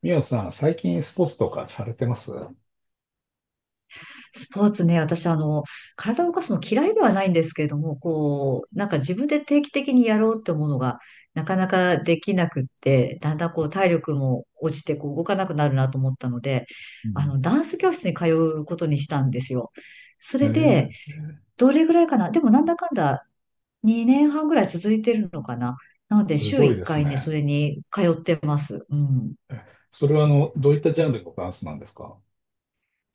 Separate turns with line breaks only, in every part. みおさん、最近スポーツとかされてます？
スポーツね、私、体を動かすの嫌いではないんですけれども、なんか自分で定期的にやろうって思うのが、なかなかできなくって、だんだん体力も落ちて、動かなくなるなと思ったので、
うん、
ダンス教室に通うことにしたんですよ。そ
え
れで、
ー、
どれぐらいかな。でも、なんだかんだ2年半ぐらい続いてるのかな。なので、
す
週
ごい
1
です
回ね、
ね。
それに通ってます。うん。
えそれはどういったジャンルのダンスなんですか？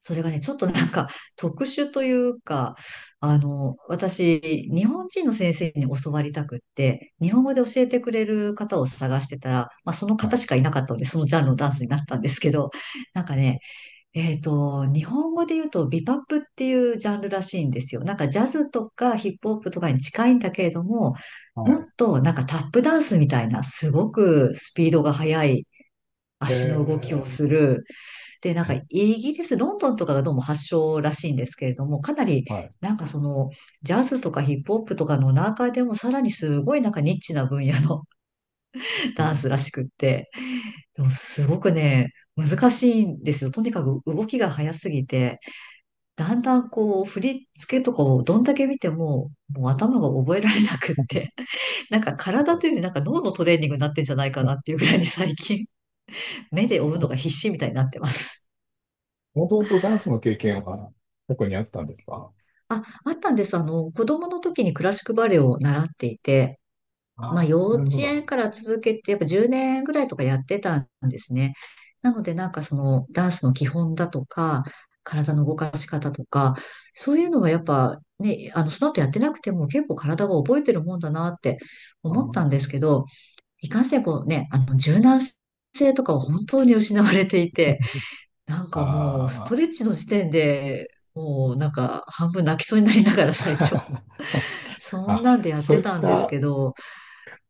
それがね、ちょっとなんか特殊というか、私、日本人の先生に教わりたくって、日本語で教えてくれる方を探してたら、まあその
は
方し
い。
かいなかったので、そのジャンルのダンスになったんですけど、なんかね、日本語で言うとビパップっていうジャンルらしいんですよ。なんかジャズとかヒップホップとかに近いんだけれども、
は
も
い。
っとなんかタップダンスみたいな、すごくスピードが速い足の動きを
え
する、で、なんかイギリス、ロンドンとかがどうも発祥らしいんですけれども、かなり
はい。
なんかそのジャズとかヒップホップとかの中でもさらにすごいなんかニッチな分野の
う
ダン
ん。
スらしくって、でもすごくね、難しいんですよ。とにかく動きが速すぎて、だんだん振り付けとかをどんだけ見ても、もう頭が覚えられなくって、なんか体というよりなんか脳のトレーニングになってんじゃないかなっ
も
ていうぐらいに最近目で追うのが必死みたいになってます。
ともとダンスの経験は過去にあったんですか？
あ、あったんです。子供の時にクラシックバレエを習っていて、
あ
まあ
あ、
幼
な
稚
るほ
園
ど。
から続けて、やっぱ10年ぐらいとかやってたんですね。なのでなんかそのダンスの基本だとか、体の動かし方とか、そういうのはやっぱね、その後やってなくても結構体が覚えてるもんだなって
あ
思っ
ー、
たんですけど、いかんせんこうね、柔軟性とかは本当に失われていて、なんかもう、ストレ
あ
ッチの時点で、もうなんか半分泣きそうになりながら最初。
ー。
そん
あ、
なんでやっ
そう
て
いっ
たんです
た
けど、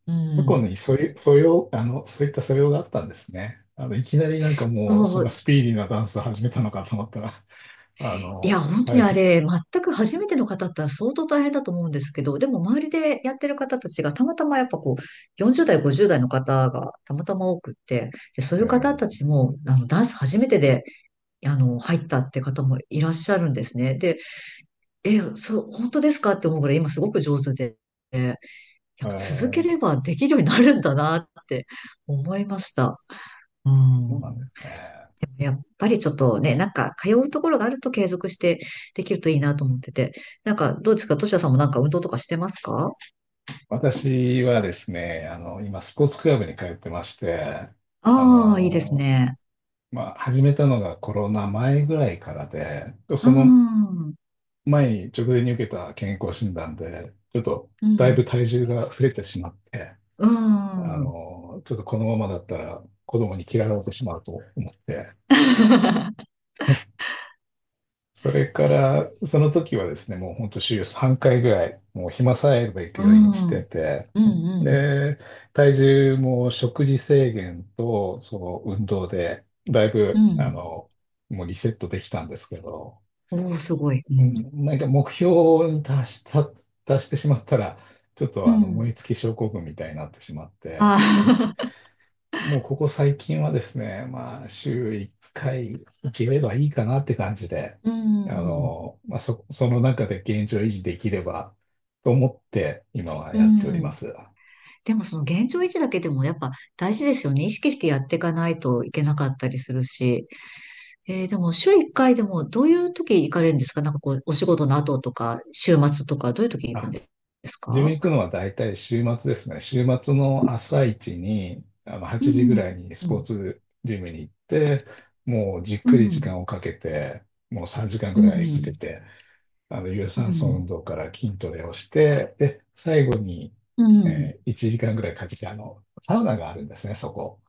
う
過去
ん。
にそういう素養、そういった素養があったんですね。いきなりなんかもう、そ
そ
んな
う、
スピーディーなダンス始めたのかと思ったら、
いや、本当
は
にあ
い。
れ、全く初めての方だったら相当大変だと思うんですけど、でも周りでやってる方たちがたまたまやっぱ40代、50代の方がたまたま多くって、で、そうい
え
う方た
ー、
ちも、ダンス初めてで、入ったって方もいらっしゃるんですね。で、え、そう、本当ですかって思うぐらい今すごく上手で。や
あ
っぱ続け
ー
ればできるようになるんだなって思いました。う
そう
ん。
なんですね。
でもやっぱりちょっとね、なんか通うところがあると継続してできるといいなと思ってて。なんかどうですか。としやさんもなんか運動とかしてますか？
私はですね、今、スポーツクラブに通ってまして、あ
ああー、いいです
の、
ね。
まあ、始めたのがコロナ前ぐらいからで、
う
その
ん。うん。
前に直前に受けた健康診断で、ちょっとだいぶ体重が増えてしまって、
うん。うん。うん。
ちょっとこのままだったら子供に嫌われてしまうと思って、それから、その時はですね、もう本当週3回ぐらい、もう暇さえあれば行く
う
ようにして
ん。
て、
うん。
で、体重も食事制限と、その運動で、だい
う
ぶ、
ん。
もうリセットできたんですけど、
おー、すごい。う
う
ん。
ん、なんか目標に達した、達してしまったら、ちょっ
う
と燃
ん。
え尽き症候群みたいになってしまって、
ああ。
もうここ最近はですね、まあ、週1回行ければいいかなって感じで、
うん。
まあ、その中で現状維持できればと思って今は
う
やっておりま
ん。
す。
でもその現状維持だけでもやっぱ大事ですよね。意識してやっていかないといけなかったりするし。でも週1回でもどういう時行かれるんですか？なんかお仕事の後とか、週末とか、どういう時行くん
あ、
です
自分
か？
行くのは大体週末ですね。週末の朝一に、
う
8時ぐ
ん、
らいにス
う
ポー
ん、
ツジムに行って、もうじっ
う
くり時
ん、
間をかけて、もう3時間
う
ぐらいかけ
ん、
て、有
う
酸素
ん、
運動から筋トレをして、で、最後に、
うん。
1時間ぐらいかけて、サウナがあるんですね、そこ。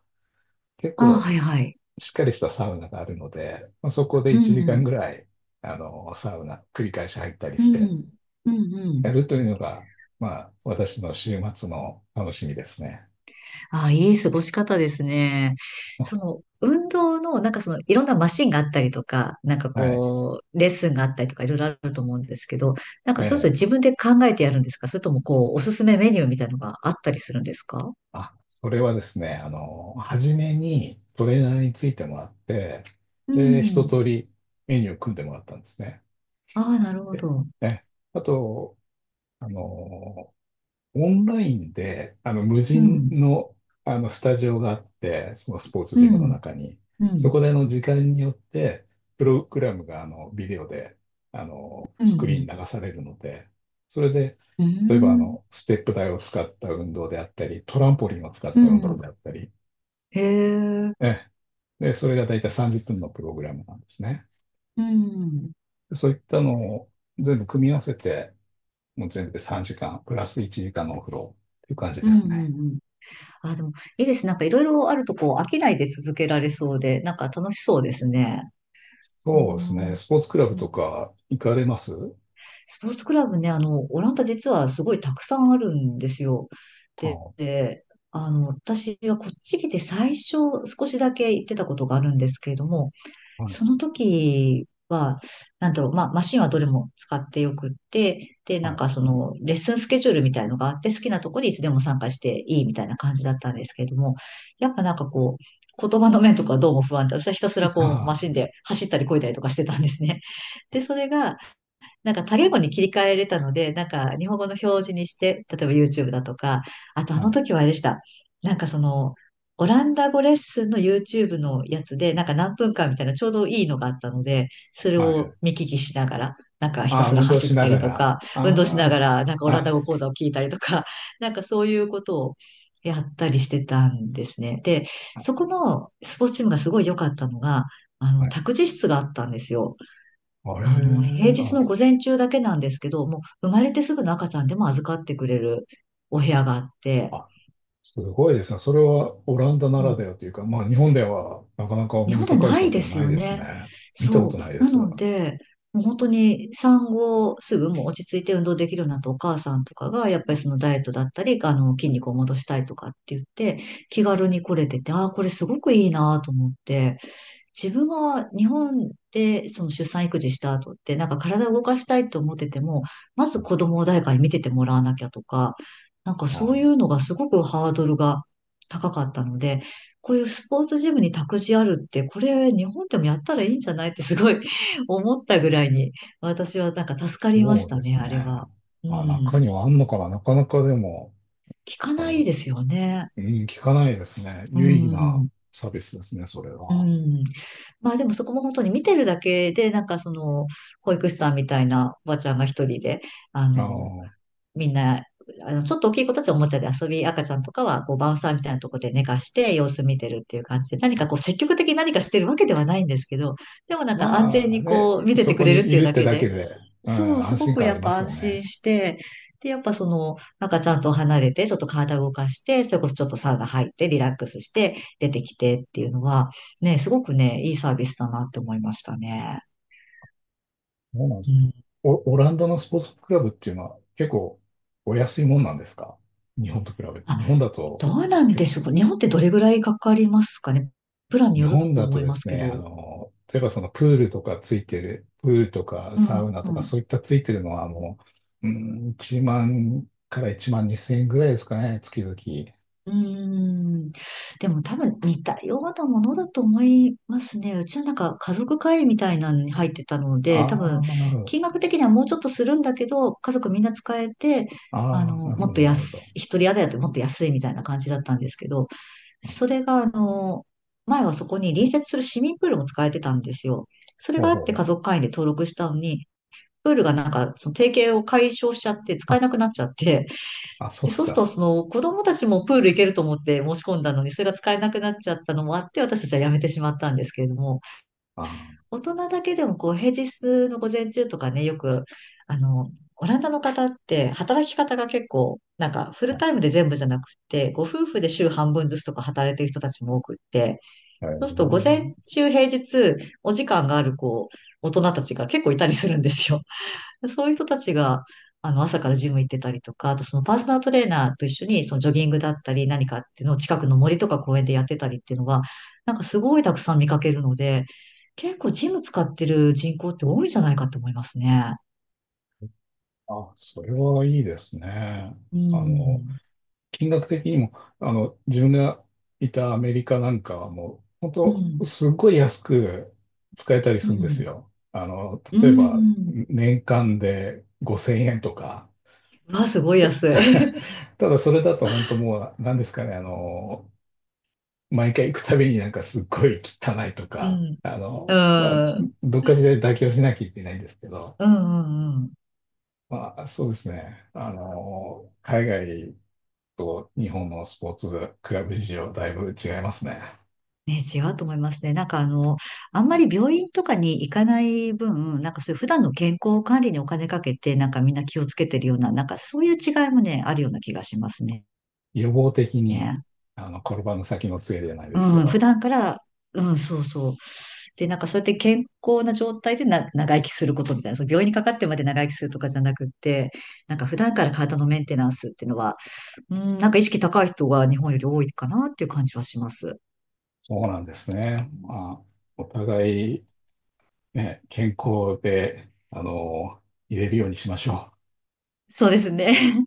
結
ああ、
構、
はいはい。
しっかりしたサウナがあるので、まあそこで
う
1時間
ん、
ぐらい、サウナ、繰り返し入ったり
う
して、
ん、うん、う
や
ん、
るというのが、まあ、私の週末の楽しみですね。
ああ、いい過ごし方ですね。その、運動の、なんかその、いろんなマシンがあったりとか、なんか
はい。
レッスンがあったりとか、いろいろあると思うんですけど、なんか
え
そういうの
え。
自分で考えてやるんですか？それともおすすめメニューみたいのがあったりするんですか？
あ、それはですね、初めにトレーナーについてもらって、
う
で、一
ん。
通りメニューを組んでもらったんですね。
ああ、なるほ
で
ど。
ね、あと、あの、オンラインで、無
う
人
ん。
の、スタジオがあって、そのスポーツ
う
ジムの
ん。
中に、
う
そ
ん。
こで、時間によって、プログラムが、ビデオで、
う
スクリーン
ん。
に流されるので、それで、
う
例えば、
ん。
ステップ台を使った運動であったり、トランポリンを使っ
う
た運動
ん。
であったり、
へえ。
ね、で、それが大体30分のプログラムなんですね。
うん。
そういったのを全部組み合わせて、もう全部で3時間、プラス1時間のお風呂っていう感じ
う
です
ん。
ね。
うん。あ、でも、いいです。なんかいろいろあると飽きないで続けられそうで、なんか楽しそうですね。う
そうです
ん。
ね。スポーツクラ
う
ブと
ん。
か行かれます？
スポーツクラブね、オランダ実はすごいたくさんあるんですよ。で、
ああ、
で私はこっち来て最初少しだけ行ってたことがあるんですけれども、
はい。
その時は、なんだろう、まあ、マシンはどれも使ってよくって、で、な
は
ん
い。
かその、レッスンスケジュールみたいのがあって、好きなとこにいつでも参加していいみたいな感じだったんですけれども、やっぱなんか言葉の面とかどうも不安で、私はひたすらマ
あ
シンで走ったり漕いだりとかしてたんですね。で、それが、なんか多言語に切り替えれたので、なんか日本語の表示にして、例えば YouTube だとか、あと
あ、
あ
は
の
い。
時はあれでした。なんかその、オランダ語レッスンの YouTube のやつで、なんか何分間みたいなちょうどいいのがあったので、それ
はい。
を見聞きしながら、なんかひた
ああ、
すら
運動
走
し
っ
な
た
が
りと
ら。
か、運動しなが
あ
ら、なんかオ
あ、
ランダ語
あ、
講座を聞いたりとか、なんかそういうことをやったりしてたんですね。で、そこのスポーツチームがすごい良かったのが、
はい。
託児室があったんですよ。
あれ、
平日
あ、
の午前中だけなんですけど、もう生まれてすぐの赤ちゃんでも預かってくれるお部屋があって、
あ、すごいですね。それはオランダな
う
らで
ん。
はというか、まあ日本ではなかなかお
日
目
本
に
で
かかる
な
こ
いで
とも
す
ない
よ
です
ね。
ね。見たこ
そう。
とないで
な
す。
ので、もう本当に産後すぐもう落ち着いて運動できるようになったお母さんとかが、やっぱりそのダイエットだったり、筋肉を戻したいとかって言って、気軽に来れてて、ああ、これすごくいいなと思って、自分が日本でその出産育児した後って、なんか体を動かしたいと思ってても、まず子供を誰かに見ててもらわなきゃとか、なんかそ
あ、
ういうのがすごくハードルが高かったので、こういうスポーツジムに託児あるって、これ日本でもやったらいいんじゃないってすごい 思ったぐらいに、私はなんか助かりま
そ
し
う
た
で
ね、
す
あ
ね。
れは。う
あ、中
ん。
にはあんのかな。なかなかでも、
聞か
あ
な
の、
いですよね。
うん、聞かないですね。
う
有意義な
ん。
サービスですね、それ
う
は。
ん。まあでもそこも本当に見てるだけで、なんかその、保育士さんみたいなおばちゃんが一人で、あ
あ
の、
の、
みんな、ちょっと大きい子たちはおもちゃで遊び、赤ちゃんとかは、バウンサーみたいなところで寝かして様子見てるっていう感じで、何か積極的に何かしてるわけではないんですけど、でもなんか安全
まあ
に
ね、
見て
そ
てく
こ
れるっ
に
て
い
いう
るっ
だ
て
け
だけ
で、
で、う
そ
ん、
う、す
安
ご
心
く
感あ
や
り
っ
ま
ぱ
す
安
よ
心
ね。
して、で、やっぱその、なんかちゃんと離れて、ちょっと体を動かして、それこそちょっとサウナ入って、リラックスして、出てきてっていうのは、ね、すごくね、いいサービスだなって思いましたね。
そうなんで
う
すね。
ん。
オランダのスポーツクラブっていうのは結構お安いもんなんですか？日本と比べて。日
あ、
本だと、
どうなん
け
でしょうか。日本ってどれぐらいかかりますかね。プランに
日
よる
本
と
だ
思
と
い
で
ます
す
け
ね、
ど。
例えばそのプールとかついてる、プールとか
う
サ
ん。
ウナ
う
とか
ん
そういったついてるのはもう、うん、1万から1万2千円ぐらいですかね、月々。
うーん。でも多分似たようなものだと思いますね。うちはなんか家族会議みたいなのに入ってたので、
あ
多分
あ、なるほど。
金額的にはもうちょっとするんだけど、家族みんな使えて、
ああ、なる
も
ほ
っ
ど、
と
なるほど。
安い、一人宿だともっと安いみたいな感じだったんですけど、
あ、
それが前はそこに隣接する市民プールも使えてたんですよ。それ
ほ
が
う
あっ
ほう
て
ほう。
家族会員で登録したのに、プールがなんかその提携を解消しちゃって使えなくなっちゃって、
あ、そう
で、
だっ
そうす
たん
る
で
と、
す
そ
か。
の子供たちもプール行けると思って申し込んだのに、それが使えなくなっちゃったのもあって、私たちはやめてしまったんですけれども、
ああ、
大人だけでも平日の午前中とかね、よく、あの、オランダの方って働き方が結構、なんかフ
は
ル
い。
タイムで全部じゃなくて、ご夫婦で週半分ずつとか働いてる人たちも多くって、
へ
そうすると午前
え。
中平日お時間がある大人たちが結構いたりするんですよ。そういう人たちが、朝からジム行ってたりとか、あとそのパーソナルトレーナーと一緒に、そのジョギングだったり何かっていうのを近くの森とか公園でやってたりっていうのは、なんかすごいたくさん見かけるので、結構ジム使ってる人口って多いんじゃないかと思いますね。
あ、それはいいですね。
う
あの、
ん。
金額的にも、自分がいたアメリカなんかはもう、本
う
当
ん。
すっごい安く使えたり
う
するんです
ん。
よ。
う
例えば、
ん。
年間で5000円とか。
わあ、すごい安い。
ただそれだと本当もう、何ですかね、毎回行くたびになんかすっごい汚いと
う
か、
ん。
まあ、
うん。
どっかしらで妥協しなきゃいけないんですけど、
うん。うん。うん
まあ、そうですね。海外と日本のスポーツクラブ事情、だいぶ違いますね。
ね、違うと思いますね。なんかあんまり病院とかに行かない分、なんかそういう普段の健康管理にお金かけて、なんかみんな気をつけてるような、なんかそういう違いもね、あるような気がしますね。
予防的に、転ばぬ先の杖じゃないですけ
うん、普
ど、
段から、うん、そうそう。で、なんかそうやって健康な状態でな長生きすることみたいな、その病院にかかってまで長生きするとかじゃなくって、なんか普段から体のメンテナンスっていうのは、うん、なんか意識高い人が日本より多いかなっていう感じはします。
そうなんですね。まあ、お互い、ね、健康で、入れるようにしましょう。
そうですね。